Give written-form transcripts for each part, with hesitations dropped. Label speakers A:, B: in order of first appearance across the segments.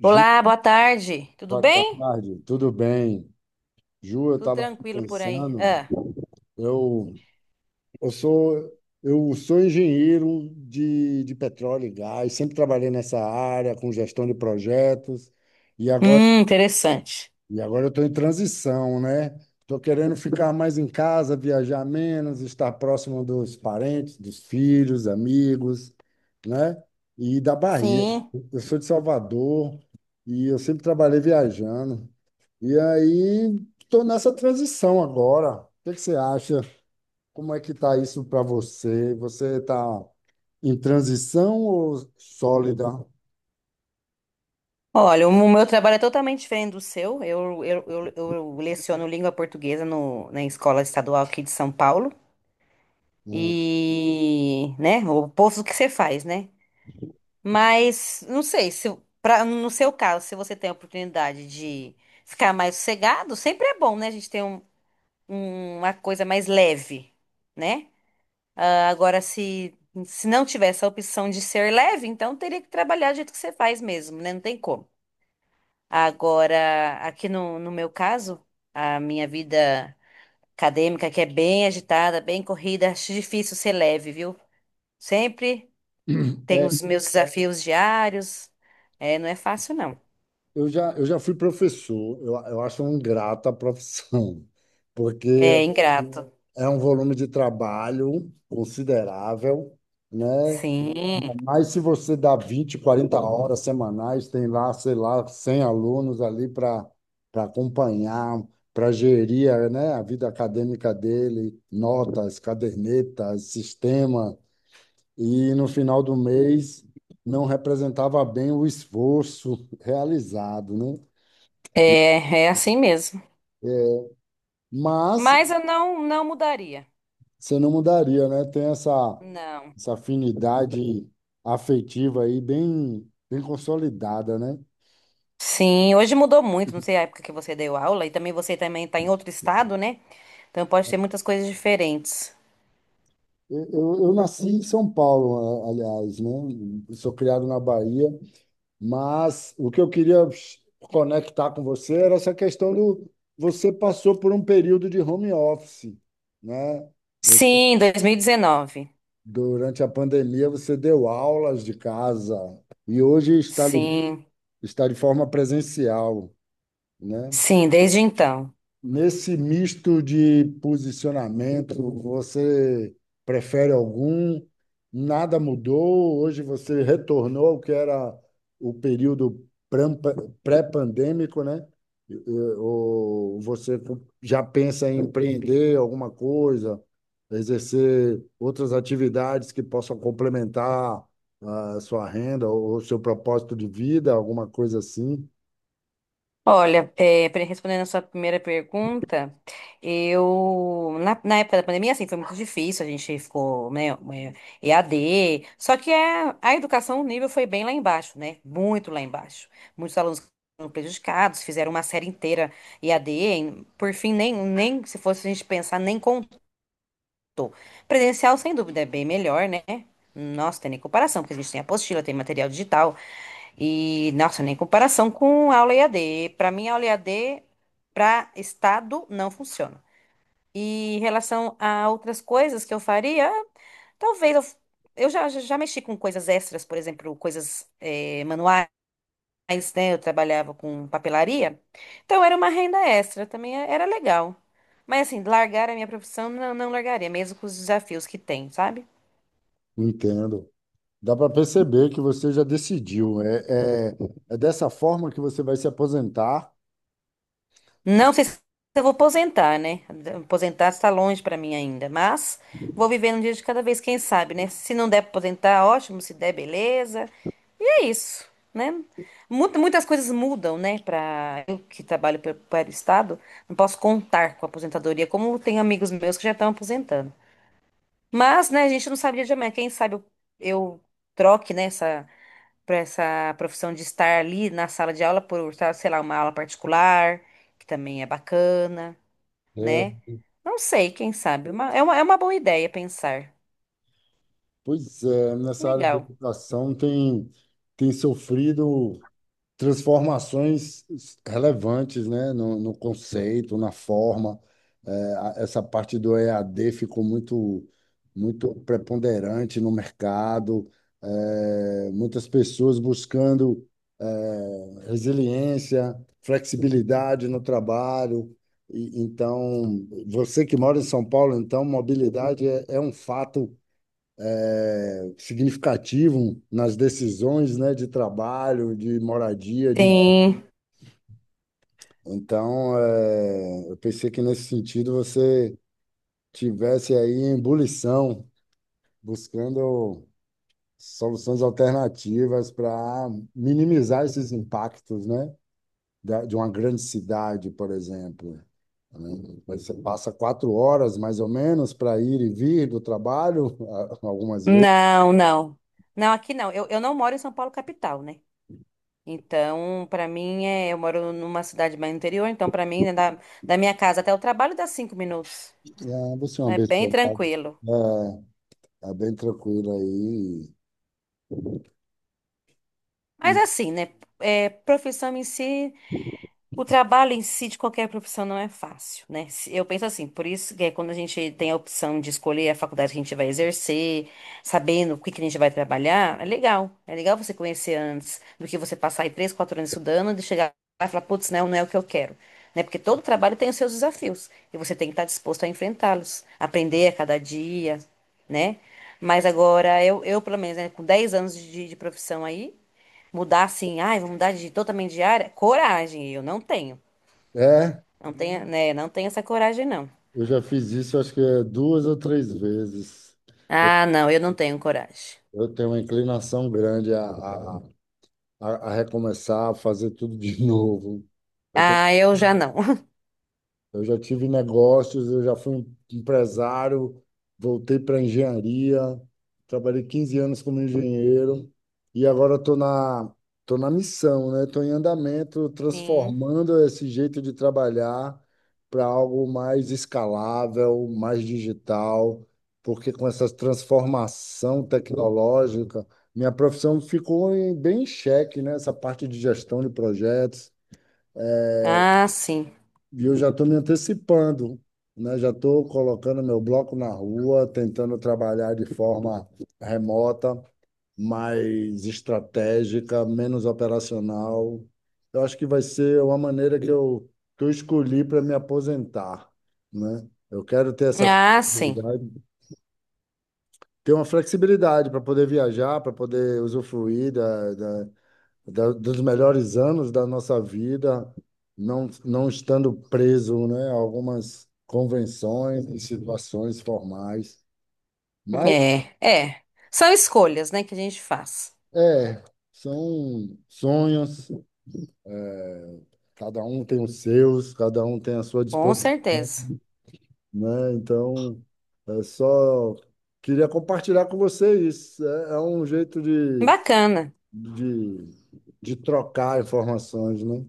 A: Ju,
B: Olá, boa tarde. Tudo
A: boa
B: bem?
A: tarde, tudo bem? Ju, eu
B: Tudo
A: estava aqui
B: tranquilo por aí?
A: pensando.
B: Ah.
A: Eu, eu sou, eu sou engenheiro de petróleo e gás, sempre trabalhei nessa área com gestão de projetos e agora,
B: Interessante.
A: e agora eu estou em transição, né? Estou querendo ficar mais em casa, viajar menos, estar próximo dos parentes, dos filhos, amigos, né? E da Bahia.
B: Sim.
A: Eu sou de Salvador e eu sempre trabalhei viajando. E aí, estou nessa transição agora. O que que você acha? Como é que está isso para você? Você está em transição ou sólida?
B: Olha, o meu trabalho é totalmente diferente do seu. Eu leciono língua portuguesa no, na escola estadual aqui de São Paulo.
A: Hum.
B: E, né, o oposto do que você faz, né? Mas, não sei, se, pra, no seu caso, se você tem a oportunidade de ficar mais sossegado, sempre é bom, né? A gente tem uma coisa mais leve, né? Ah, agora, se não tivesse a opção de ser leve, então teria que trabalhar do jeito que você faz mesmo, né? Não tem como. Agora, aqui no meu caso, a minha vida acadêmica, que é bem agitada, bem corrida, acho difícil ser leve, viu? Sempre tem os meus desafios diários. É, não é fácil, não.
A: Eu já fui professor, eu acho uma ingrata a profissão, porque
B: É ingrato.
A: é um volume de trabalho considerável, né?
B: Sim,
A: Mas se você dá 20, 40 horas semanais, tem lá, sei lá, 100 alunos ali para acompanhar, para gerir, a, né, a vida acadêmica dele, notas, cadernetas, sistema, e no final do mês não representava bem o esforço realizado, né?
B: é, é assim mesmo.
A: Mas
B: Mas eu não, não mudaria.
A: você não mudaria, né? Tem essa,
B: Não.
A: essa afinidade afetiva aí bem, bem consolidada, né?
B: Sim, hoje mudou muito, não sei a época que você deu aula, e também você também está em outro estado, né? Então pode ter muitas coisas diferentes.
A: Eu nasci em São Paulo, aliás, né? Eu sou criado na Bahia, mas o que eu queria conectar com você era essa questão do você passou por um período de home office, né? Você-
B: Sim, 2019.
A: durante a pandemia você deu aulas de casa e hoje
B: Sim,
A: está de forma presencial, né?
B: sim, desde então.
A: Nesse misto de posicionamento, você prefere algum? Nada mudou? Hoje você retornou ao que era o período pré-pandêmico, né? E- e- Ou você já pensa em empreender alguma coisa, exercer outras atividades que possam complementar a sua renda ou o seu propósito de vida, alguma coisa assim?
B: Olha, é, respondendo a sua primeira pergunta, eu na época da pandemia, assim, foi muito difícil, a gente ficou, né, é, EAD, só que a educação, o nível foi bem lá embaixo, né, muito lá embaixo. Muitos alunos foram prejudicados, fizeram uma série inteira EAD, por fim, nem se fosse a gente pensar, nem contou. Presencial, sem dúvida, é bem melhor, né? Nossa, tem nem comparação, porque a gente tem apostila, tem material digital, e, nossa, nem comparação com aula EAD. Para mim, aula EAD para estado não funciona. E em relação a outras coisas que eu faria, talvez eu, f- já mexi com coisas extras, por exemplo, coisas manuais, né? Eu trabalhava com papelaria, então era uma renda extra, também era legal. Mas assim, largar a minha profissão, não, não largaria, mesmo com os desafios que tem, sabe?
A: Entendo. Dá para perceber que você já decidiu. É, é, é dessa forma que você vai se aposentar. Se-
B: Não sei se eu vou aposentar, né? Aposentar está longe para mim ainda, mas vou viver um dia de cada vez, quem sabe, né? Se não der para aposentar, ótimo, se der, beleza. E é isso, né? Muitas coisas mudam, né? Para eu que trabalho para o Estado, não posso contar com a aposentadoria, como tem amigos meus que já estão aposentando. Mas, né, a gente não sabe o dia de amanhã. Quem sabe eu troque, né, essa, pra essa profissão de estar ali na sala de aula por, sei lá, uma aula particular, que também é bacana
A: É,
B: né? Não sei, quem sabe. É uma boa ideia pensar.
A: pois é, nessa área de
B: Legal.
A: educação tem sofrido transformações relevantes, né, no conceito, na forma. É, essa parte do EAD ficou muito, muito preponderante no mercado. É, muitas pessoas buscando, é, resiliência, flexibilidade no trabalho. E, então, você que mora em São Paulo, então, mobilidade é um fato, significativo nas decisões, né, de trabalho, de moradia, de.
B: Sim.
A: Então, é, eu pensei que nesse sentido você tivesse aí em ebulição, buscando soluções alternativas para minimizar esses impactos, né? De uma grande cidade, por exemplo. Né? Você passa 4 horas, mais ou menos, para ir e vir do trabalho, algumas vezes.
B: Não, não. Não, aqui não. Eu não moro em São Paulo, capital, né? Então, pra mim, é, eu moro numa cidade mais interior, então, pra mim, né, da, da minha casa até o trabalho dá 5 minutos.
A: É, você é uma
B: É bem
A: pessoa,
B: tranquilo.
A: é, é, tá bem tranquila aí.
B: Mas
A: E,
B: assim, né? É, profissão em si. O trabalho em si de qualquer profissão não é fácil, né? Eu penso assim, por isso que é quando a gente tem a opção de escolher a faculdade que a gente vai exercer, sabendo o que que a gente vai trabalhar, é legal. É legal você conhecer antes do que você passar aí três, quatro anos estudando e chegar lá e falar, putz, não, não é o que eu quero. Né? Porque todo trabalho tem os seus desafios e você tem que estar disposto a enfrentá-los, aprender a cada dia, né? Mas agora, eu pelo menos, né, com 10 anos de profissão aí, mudar assim, ai, vou mudar de totalmente de área? Coragem, eu não tenho.
A: é,
B: Não tenho, né? Não tenho essa coragem, não.
A: eu já fiz isso, acho que é 2 ou 3 vezes.
B: Ah, não, eu não tenho coragem.
A: Eu tenho uma inclinação grande a recomeçar, a fazer tudo de novo.
B: Ah, eu já não.
A: Eu já tive negócios, eu já fui um empresário, voltei para engenharia, trabalhei 15 anos como engenheiro e agora tô na missão, né? Estou em andamento,
B: Sim.
A: transformando esse jeito de trabalhar para algo mais escalável, mais digital, porque com essa transformação tecnológica, minha profissão ficou bem em xeque, né? Essa parte de gestão de projetos
B: Ah, sim.
A: e eu já estou me antecipando, né? Já estou colocando meu bloco na rua, tentando trabalhar de forma remota, mais estratégica, menos operacional. Eu acho que vai ser uma maneira que eu escolhi para me aposentar, né? Eu quero ter essa
B: Ah, sim.
A: flexibilidade, ter uma flexibilidade para poder viajar, para poder usufruir dos melhores anos da nossa vida, não, não estando preso, né, a algumas convenções e situações formais. Mas
B: É, é. São escolhas, né, que a gente faz.
A: é, são sonhos, cada um tem os seus, cada um tem a sua
B: Com
A: disposição,
B: certeza.
A: né? Então, é só queria compartilhar com vocês. É, é um jeito
B: Bacana.
A: de, de trocar informações, né?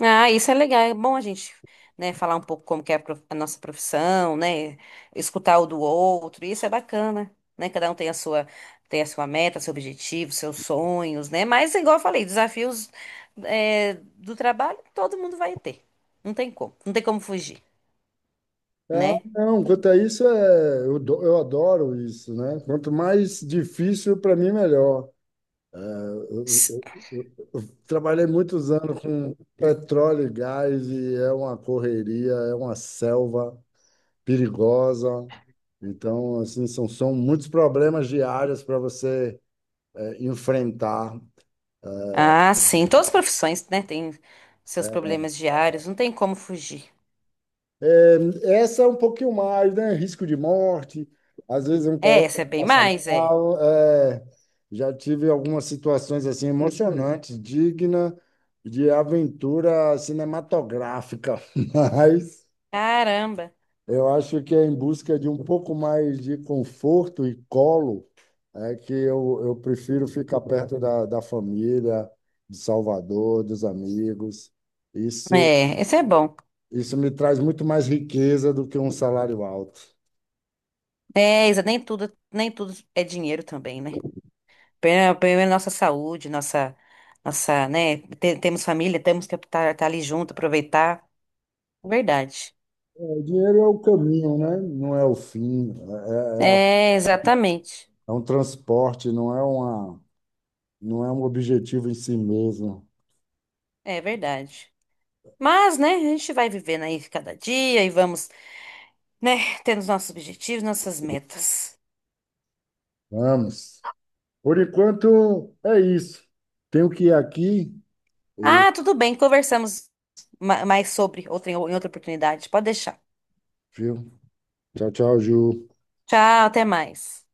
B: Ah, isso é legal. É bom a gente, né, falar um pouco como que é a a nossa profissão, né? Escutar o do outro. Isso é bacana, né? Cada um tem a sua meta, seu objetivo, seus sonhos, né? Mas, igual eu falei, desafios, é, do trabalho, todo mundo vai ter. Não tem como. Não tem como fugir,
A: Ah,
B: né?
A: não, quanto a isso, é, eu adoro isso, né? Quanto mais difícil, para mim, melhor. É, eu,
B: S-
A: eu- eu trabalhei muitos anos com petróleo e gás e é uma correria, é uma selva perigosa. Então, assim, são muitos problemas diários para você, é, enfrentar.
B: Ah, sim. Todas as profissões, né, têm seus problemas diários. Não tem como fugir.
A: É, essa é um pouquinho mais, né? Risco de morte, às vezes um
B: É,
A: colega
B: essa é
A: que
B: bem
A: passa
B: mais, é.
A: mal. É, já tive algumas situações assim emocionantes, digna de aventura cinematográfica, mas
B: Caramba.
A: eu acho que é em busca de um pouco mais de conforto e colo, é que eu prefiro ficar perto da família, de Salvador, dos amigos. Isso
B: É, esse é bom.
A: isso me traz muito mais riqueza do que um salário alto.
B: É, Isa, nem tudo é dinheiro também, né? Primeiro nossa saúde, nossa, né? Temos família, temos que estar ali junto, aproveitar. Verdade.
A: É, o dinheiro é o caminho, né? Não é o fim. É, é, é
B: É, exatamente.
A: é um transporte, não é um objetivo em si mesmo.
B: É verdade. Mas, né, a gente vai vivendo aí cada dia e vamos, né, tendo os nossos objetivos, nossas metas.
A: Vamos. Por enquanto, é isso. Tenho que ir aqui. E,
B: Ah, tudo bem, conversamos mais sobre outra, em outra oportunidade. Pode deixar.
A: viu? Tchau, tchau, Ju.
B: Tchau, até mais.